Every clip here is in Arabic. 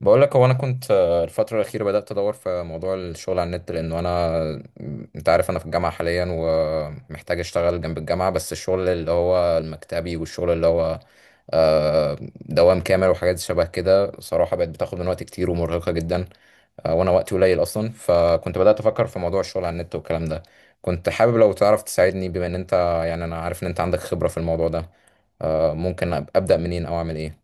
بقول لك هو انا كنت الفتره الاخيره بدات ادور في موضوع الشغل على النت لانه انا انت عارف انا في الجامعه حاليا ومحتاج اشتغل جنب الجامعه بس الشغل اللي هو المكتبي والشغل اللي هو دوام كامل وحاجات شبه كده صراحه بقت بتاخد من وقت كتير ومرهقه جدا. وانا وقتي قليل اصلا فكنت بدات افكر في موضوع الشغل على النت والكلام ده، كنت حابب لو تعرف تساعدني بما ان انت، يعني انا عارف ان انت عندك خبره في الموضوع ده. ممكن ابدا منين او اعمل ايه؟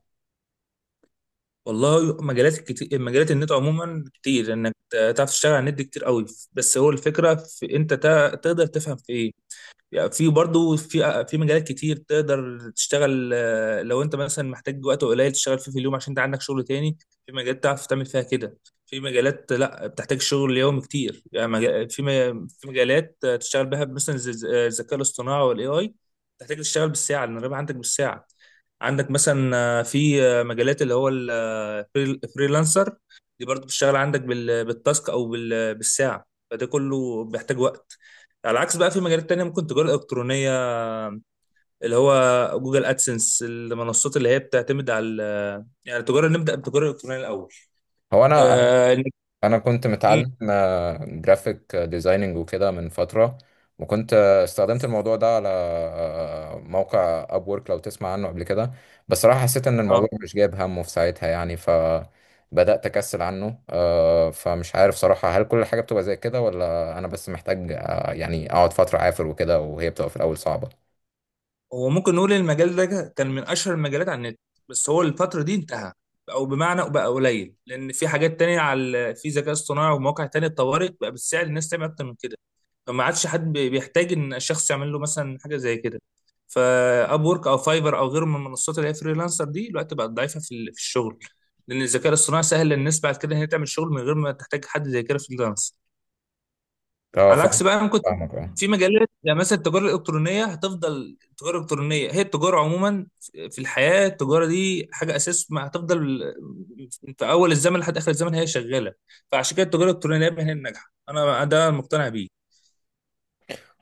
والله مجالات كتير مجالات النت عموما كتير انك تعرف تشتغل على النت دي كتير قوي. بس هو الفكره في انت تقدر تفهم في ايه؟ يعني في برضو في مجالات كتير تقدر تشتغل، لو انت مثلا محتاج وقت قليل تشتغل فيه في اليوم عشان انت عندك شغل تاني. في مجالات تعرف تعمل فيها كده، في مجالات لا بتحتاج شغل يومي كتير، يعني في مجالات تشتغل بها مثلا زي الذكاء الاصطناعي والاي اي. تحتاج تشتغل بالساعه لان الربح عندك بالساعه. عندك مثلا في مجالات اللي هو الفريلانسر، دي برضو بتشتغل عندك بالتاسك او بالساعه، فده كله بيحتاج وقت. على عكس بقى في مجالات تانية ممكن تجارة إلكترونية، اللي هو جوجل أدسنس، المنصات اللي هي بتعتمد على يعني التجارة. نبدأ بالتجارة الإلكترونية الأول. هو انا آه. كنت مم. متعلم جرافيك ديزايننج وكده من فتره، وكنت استخدمت الموضوع ده على موقع ابورك لو تسمع عنه قبل كده. بس صراحه حسيت ان آه. الموضوع مش جايب همه في ساعتها يعني، فبدات اكسل عنه. فمش عارف صراحه هل كل حاجه بتبقى زي كده ولا انا بس محتاج، يعني اقعد فتره عافر وكده وهي بتبقى في الاول صعبه. هو ممكن نقول إن المجال ده كان من أشهر المجالات على النت، بس هو الفترة دي انتهى، أو بمعنى بقى قليل لأن في حاجات تانية، على في ذكاء اصطناعي ومواقع تانية اتطورت بقى بالسعر الناس تعمل أكتر من كده. ما عادش حد بيحتاج ان الشخص يعمل له مثلا حاجه زي كده، فاب وورك او فايفر او غيره من المنصات اللي هي فريلانسر، دي دلوقتي بقت ضعيفه في الشغل، لان الذكاء الاصطناعي سهل للناس بعد كده ان هي تعمل شغل من غير ما تحتاج حد زي كده فريلانس. اه على فاهم. عكس بقى ممكن فاهمك اه. في مجالات، يعني مثلا التجاره الالكترونيه هتفضل. التجاره الالكترونيه هي التجاره عموما، في الحياه التجاره دي حاجه اساس، ما هتفضل في اول الزمن لحد اخر الزمن هي شغاله. فعشان كده التجاره الالكترونيه دايما هي الناجحه، انا ده مقتنع بيه.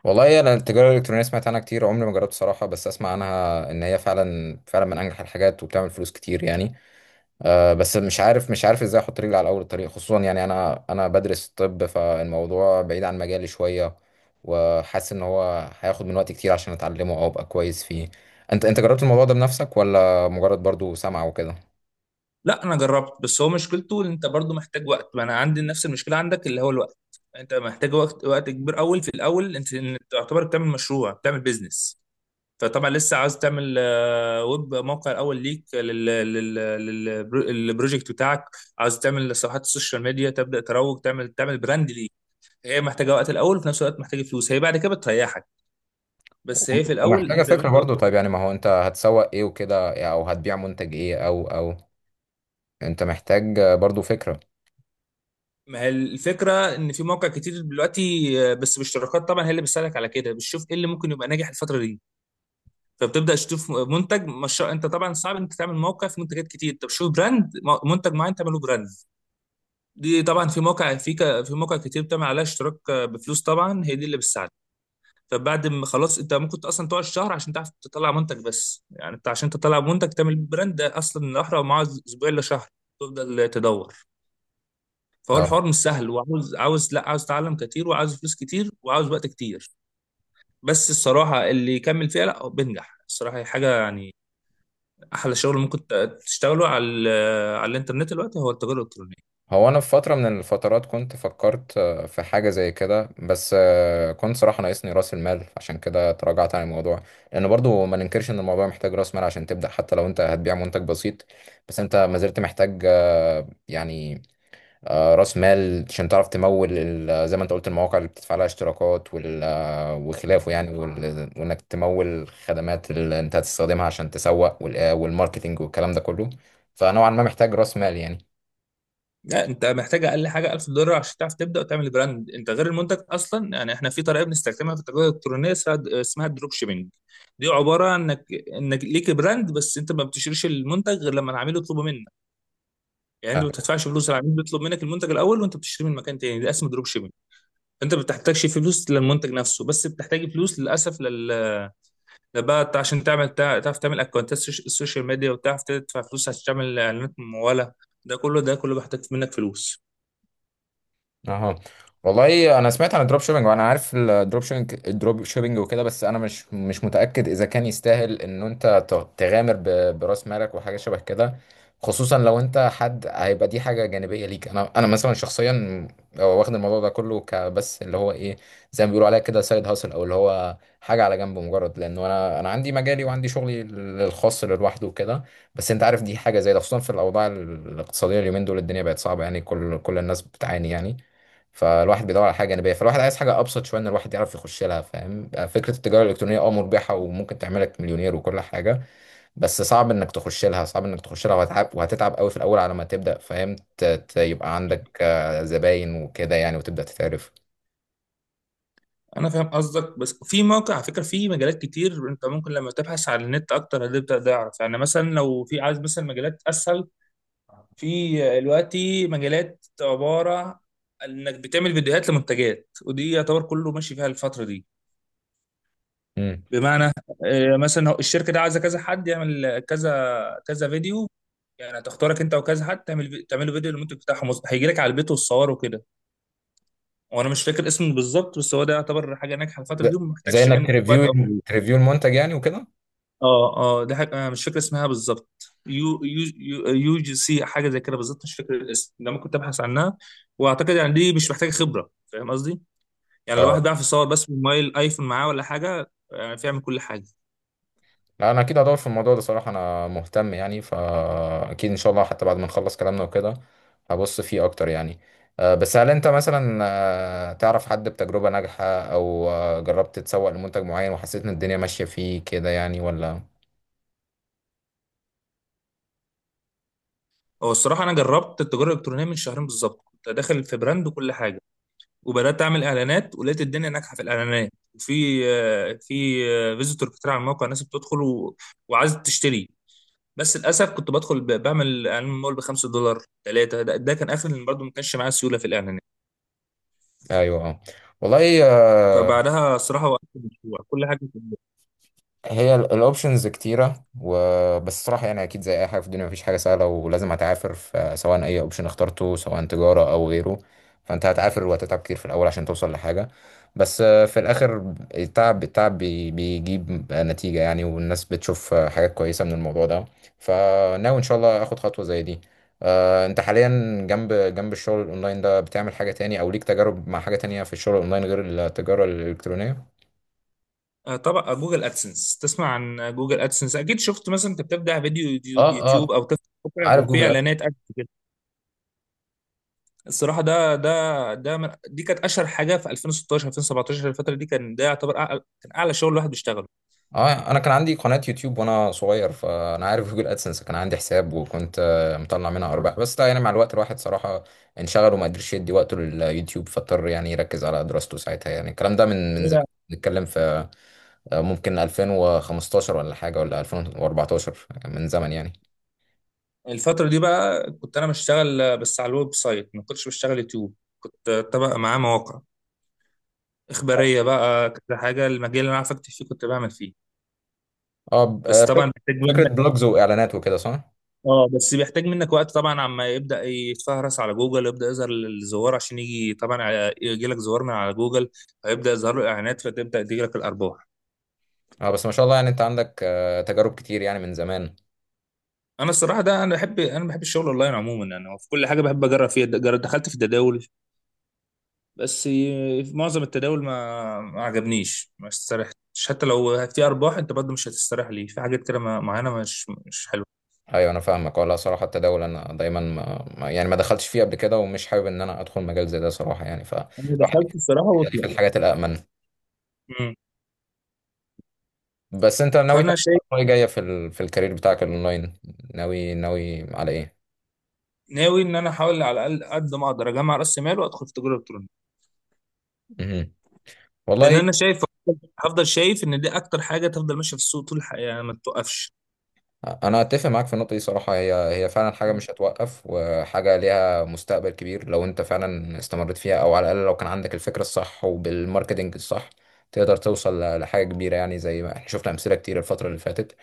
والله انا التجاره الالكترونيه سمعت عنها كتير، عمري ما جربت صراحه، بس اسمع عنها ان هي فعلا فعلا من انجح الحاجات وبتعمل فلوس كتير يعني. بس مش عارف، مش عارف ازاي احط رجلي على اول الطريق، خصوصا يعني انا بدرس الطب فالموضوع بعيد عن مجالي شويه، وحاسس ان هو هياخد من وقت كتير عشان اتعلمه او ابقى كويس فيه. انت جربت الموضوع ده بنفسك ولا مجرد برضو سمع وكده؟ لا انا جربت، بس هو مشكلته ان انت برضو محتاج وقت، ما انا عندي نفس المشكله عندك اللي هو الوقت. انت محتاج وقت وقت كبير اول. في الاول إنت تعتبر بتعمل مشروع، بتعمل بيزنس. فطبعا لسه عاوز تعمل ويب موقع الاول ليك للبروجكت بتاعك. عاوز تعمل صفحات السوشيال ميديا، تبدا تروج، تعمل براند ليك. هي محتاجه وقت الاول، وفي نفس الوقت محتاجه فلوس، هي بعد كده بتريحك، بس هي في الاول ومحتاجه انت زي ما فكره انت. برضو، طيب يعني ما هو انت هتسوق ايه وكده، او هتبيع منتج ايه او او انت محتاج برضو فكره. ما هي الفكرة إن في مواقع كتير دلوقتي، بس بالاشتراكات طبعا هي اللي بتساعدك على كده، بتشوف إيه اللي ممكن يبقى ناجح الفترة دي. فبتبدأ تشوف منتج، مش أنت طبعا صعب إنك تعمل موقع في منتجات كتير، أنت بتشوف براند منتج معين تعمله براند. دي طبعا في موقع كتير بتعمل عليها اشتراك بفلوس طبعا هي دي اللي بتساعدك. فبعد ما خلاص أنت ممكن أصلا تقعد شهر عشان تعرف تطلع منتج، بس يعني أنت عشان تطلع منتج تعمل براند ده أصلا الأحرى معاه أسبوع إلا شهر، تفضل تدور. فهو الحوار مش سهل، وعاوز، عاوز لا عاوز تعلم كتير وعاوز فلوس كتير وعاوز وقت كتير. بس الصراحة اللي يكمل فيها لا هو بينجح، الصراحة هي حاجة يعني أحلى شغل ممكن تشتغله على على الإنترنت دلوقتي هو التجارة الإلكترونية. هو انا في فتره من الفترات كنت فكرت في حاجه زي كده، بس كنت صراحه ناقصني راس المال عشان كده تراجعت عن الموضوع، لان برضو ما ننكرش ان الموضوع محتاج راس مال عشان تبدا، حتى لو انت هتبيع منتج بسيط بس انت ما زلت محتاج، يعني راس مال عشان تعرف تمول زي ما انت قلت المواقع اللي بتدفع لها اشتراكات وخلافه يعني، وانك تمول خدمات اللي انت هتستخدمها عشان تسوق والماركتينج والكلام ده كله، فنوعا ما محتاج راس مال يعني. لا أنت محتاج أقل حاجة 1000 دولار عشان تعرف تبدأ وتعمل براند، أنت غير المنتج أصلا. يعني إحنا في طريقة بنستخدمها في التجارة الإلكترونية اسمها الدروب شيبينج. دي عبارة عن إنك ليك براند، بس أنت ما بتشتريش المنتج غير لما العميل يطلبه منك. يعني أنت ما بتدفعش فلوس، العميل بيطلب منك المنتج الأول وأنت بتشتري من مكان تاني، ده اسمه دروب شيبينج. انت ما بتحتاجش فلوس للمنتج نفسه، بس بتحتاج فلوس للاسف ده بقى عشان تعمل تعرف تعمل اكونتات السوشيال ميديا، وتعرف تدفع فلوس عشان تعمل اعلانات ممولة. ده كله بيحتاج منك فلوس. اها. والله انا سمعت عن الدروب شيبنج وانا عارف الدروب شيبنج الدروب شيبنج وكده، بس انا مش متاكد اذا كان يستاهل ان انت تغامر براس مالك وحاجه شبه كده، خصوصا لو انت حد هيبقى دي حاجه جانبيه ليك. انا مثلا شخصيا واخد الموضوع ده كله كبس، اللي هو ايه، زي ما بيقولوا عليها كده سايد هاسل، او اللي هو حاجه على جنب، مجرد لانه انا عندي مجالي وعندي شغلي الخاص اللي لوحده وكده. بس انت عارف دي حاجه زي ده، خصوصا في الاوضاع الاقتصاديه اليومين دول الدنيا بقت صعبه يعني، كل الناس بتعاني يعني، فالواحد بيدور على حاجه جانبيه، فالواحد عايز حاجه ابسط شويه ان الواحد يعرف يخش لها. فاهم؟ فكره التجاره الالكترونيه اه مربحه وممكن تعملك مليونير وكل حاجه، بس صعب انك تخش لها، صعب انك تخش لها، وهتعب وهتتعب قوي في الاول على ما تبدا فاهم يبقى مم. عندك زباين وكده يعني، وتبدا تتعرف. انا فاهم قصدك، بس في موقع على فكره، في مجالات كتير انت ممكن لما تبحث على النت اكتر هتبدا تعرف. يعني مثلا لو في عايز مثلا مجالات اسهل، في دلوقتي مجالات عباره عن انك بتعمل فيديوهات لمنتجات، ودي يعتبر كله ماشي فيها الفتره دي. امم. بمعنى مثلا الشركه دي عايزه كذا حد يعمل كذا كذا فيديو، يعني هتختارك انت وكذا حد تعمل تعملوا فيديو للمنتج بتاعهم، هيجي لك على البيت والصور وكده. وانا مش فاكر اسمه بالظبط، بس هو ده يعتبر حاجه ناجحه الفتره زي دي وما زي محتاجش انك منك وقت تريفيو، او... تريفيو المنتج يعني وكده. اه. اه دي حاجه أنا مش فاكر اسمها بالظبط. UGC حاجه زي كده بالظبط، مش فاكر الاسم، ده ممكن تبحث عنها. واعتقد يعني دي مش محتاجه خبره، فاهم قصدي؟ يعني اه الواحد بيعرف يصور بس بموبايل ايفون معاه ولا حاجه، يعني بيعمل كل حاجه. لا انا اكيد هدور في الموضوع ده صراحه، انا مهتم يعني، فاكيد ان شاء الله حتى بعد ما نخلص كلامنا وكده هبص فيه اكتر يعني. بس هل انت مثلا تعرف حد بتجربه ناجحه، او جربت تسوق لمنتج معين وحسيت ان الدنيا ماشيه فيه كده يعني ولا؟ هو الصراحة أنا جربت التجارة الإلكترونية من شهرين بالظبط، كنت داخل في براند وكل حاجة، وبدأت أعمل إعلانات ولقيت الدنيا ناجحة في الإعلانات، وفي في فيزيتور كتير على الموقع، ناس بتدخل و... وعايزة تشتري. بس للأسف كنت بدخل بعمل إعلان مول ب5 دولار، ثلاثة، ده كان آخر، اللي برضه ما كانش معايا سيولة في الإعلانات. ايوه اه. والله. فبعدها الصراحة وقفت المشروع كل حاجة في البيت. هي الاوبشنز كتيره، وبس صراحه يعني اكيد زي اي حاجه في الدنيا مفيش حاجه سهله ولازم هتعافر، فسواء اي اوبشن اخترته سواء تجاره او غيره، فانت هتعافر وهتتعب كتير في الاول عشان توصل لحاجه، بس في الاخر التعب، بيجيب نتيجه يعني، والناس بتشوف حاجات كويسه من الموضوع ده، فناوي ان شاء الله اخد خطوه زي دي. انت حاليا جنب الشغل الاونلاين ده بتعمل حاجه تاني، او ليك تجارب مع حاجه تانية في الشغل الاونلاين غير التجاره الالكترونيه؟ طبعا جوجل أدسنس، تسمع عن جوجل أدسنس أكيد، شفت مثلا أنت بتبدأ فيديو اه. يوتيوب اه أو تفتح موقع عارف بيبقى فيه جوجل. إعلانات أدسنس. الصراحه ده من دي كانت اشهر حاجه في 2016 2017 الفتره دي، كان ده يعتبر أعلى، كان اعلى شغل الواحد بيشتغله. اه انا كان عندي قناة يوتيوب وانا صغير، فانا عارف جوجل ادسنس، كان عندي حساب وكنت مطلع منها ارباح، بس ده يعني مع الوقت الواحد صراحة انشغل وما قدرش يدي وقته لليوتيوب، فاضطر يعني يركز على دراسته ساعتها يعني، الكلام ده من ليه زمان. بقى؟ نتكلم في ممكن 2015 ولا حاجة، ولا 2014، من زمن يعني. الفتره دي بقى كنت انا بشتغل بس على الويب سايت، ما كنتش بشتغل يوتيوب، كنت طبق معاه مواقع اخباريه بقى كذا حاجه، المجال اللي انا عارف اكتب فيه كنت بعمل فيه. اه بس طبعا فكرة، بيحتاج فكرة منك... بلوجز واعلانات وكده، صح؟ اه بس بيحتاج منك وقت طبعا عما يبدا يتفهرس على جوجل يبدا يظهر الزوار عشان يجي طبعا، يجي لك زوار من على جوجل، فيبدا يظهر له اعلانات فتبدا تيجي لك الارباح. اه بس ما شاء الله يعني انت عندك تجارب كتير يعني من زمان. انا الصراحه ده انا بحب الشغل اونلاين عموما، يعني هو في كل حاجه بحب اجرب فيها. دخلت في التداول، بس في معظم التداول ما عجبنيش، ما استريحتش، حتى لو في ارباح انت برضه مش هتستريح ليه، في حاجات كده معينه مش حلوه. ايوه انا فاهمك. ولا صراحه التداول انا دايما يعني ما دخلتش فيه قبل كده، ومش حابب ان انا ادخل مجال زي ده صراحه يعني، انا فالواحد دخلت الصراحه بيخليه في وطلعت. الحاجات الامن. مم. بس انت ناوي فانا تعمل شايف، خطوة إيه جايه في ال... في الكارير بتاعك الاونلاين؟ ناوي على ايه؟ ناوي ان انا احاول على الاقل قد ما اقدر اجمع راس مال وادخل في تجاره الكترونيه، مهم. لان والله انا شايف هفضل شايف ان دي اكتر حاجه تفضل ماشيه في السوق طول الحياه، يعني ما تتوقفش. انا اتفق معاك في النقطه دي صراحه، هي فعلا حاجه مش هتوقف وحاجه ليها مستقبل كبير، لو انت فعلا استمريت فيها او على الاقل لو كان عندك الفكره الصح وبالماركتنج الصح تقدر توصل لحاجه كبيره يعني، زي ما احنا شفنا امثله كتير الفتره اللي فاتت،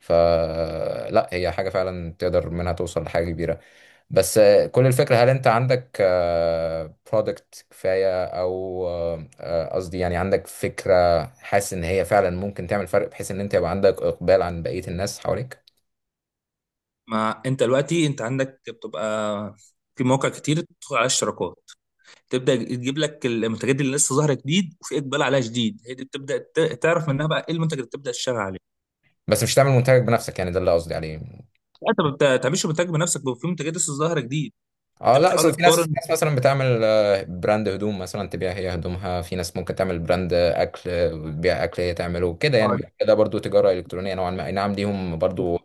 فلا هي حاجه فعلا تقدر منها توصل لحاجه كبيره. بس كل الفكره هل انت عندك برودكت كفايه، او قصدي يعني عندك فكره حاسس ان هي فعلا ممكن تعمل فرق بحيث ان انت يبقى عندك اقبال عن بقيه الناس حواليك؟ ما انت دلوقتي انت عندك بتبقى في مواقع كتير بتدخل على اشتراكات، تبدا تجيب لك المنتجات دي اللي لسه ظاهره جديد وفي اقبال عليها شديد، هي دي بتبدا تعرف منها بقى ايه المنتج اللي بتبدا تشتغل عليه. بس مش تعمل منتجك بنفسك يعني، ده اللي قصدي عليه. لا، انت ما بتعملش منتج بنفسك، بيبقى في منتجات لسه ظاهره جديد. اه انت لا اصل بتحاول في ناس، تقارن. مثلا بتعمل براند هدوم مثلا تبيع هي هدومها، في ناس ممكن تعمل براند اكل بتبيع اكل هي تعمله كده يعني. آه، ده برضو تجارة الكترونية نوعا ما، اي نعم ليهم برضو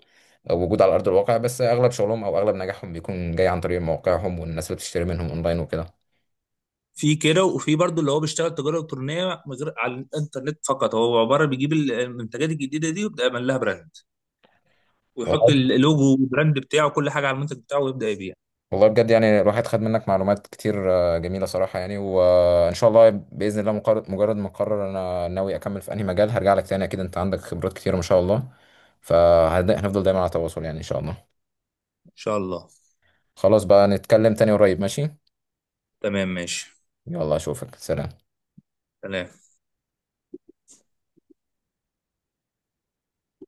وجود على ارض الواقع، بس اغلب شغلهم او اغلب نجاحهم بيكون جاي عن طريق مواقعهم والناس اللي بتشتري منهم اونلاين وكده. في كده، وفي برضو اللي هو بيشتغل تجاره الكترونيه من غير على الانترنت فقط، هو عباره بيجيب المنتجات الجديده دي ويبدا يعمل لها براند، ويحط والله. اللوجو والبراند بتاعه كل حاجه على المنتج بتاعه ويبدا يبيع. والله بجد يعني الواحد خد منك معلومات كتير جميلة صراحة يعني، وإن شاء الله بإذن الله مقرر، مجرد ما أقرر أنا ناوي أكمل في أنهي مجال هرجع لك تاني أكيد، أنت عندك خبرات كتير ما شاء الله، فهنفضل دايما على تواصل يعني إن شاء الله. ان شاء الله. خلاص بقى نتكلم تاني قريب ماشي. تمام ماشي. يلا أشوفك، سلام. سلام.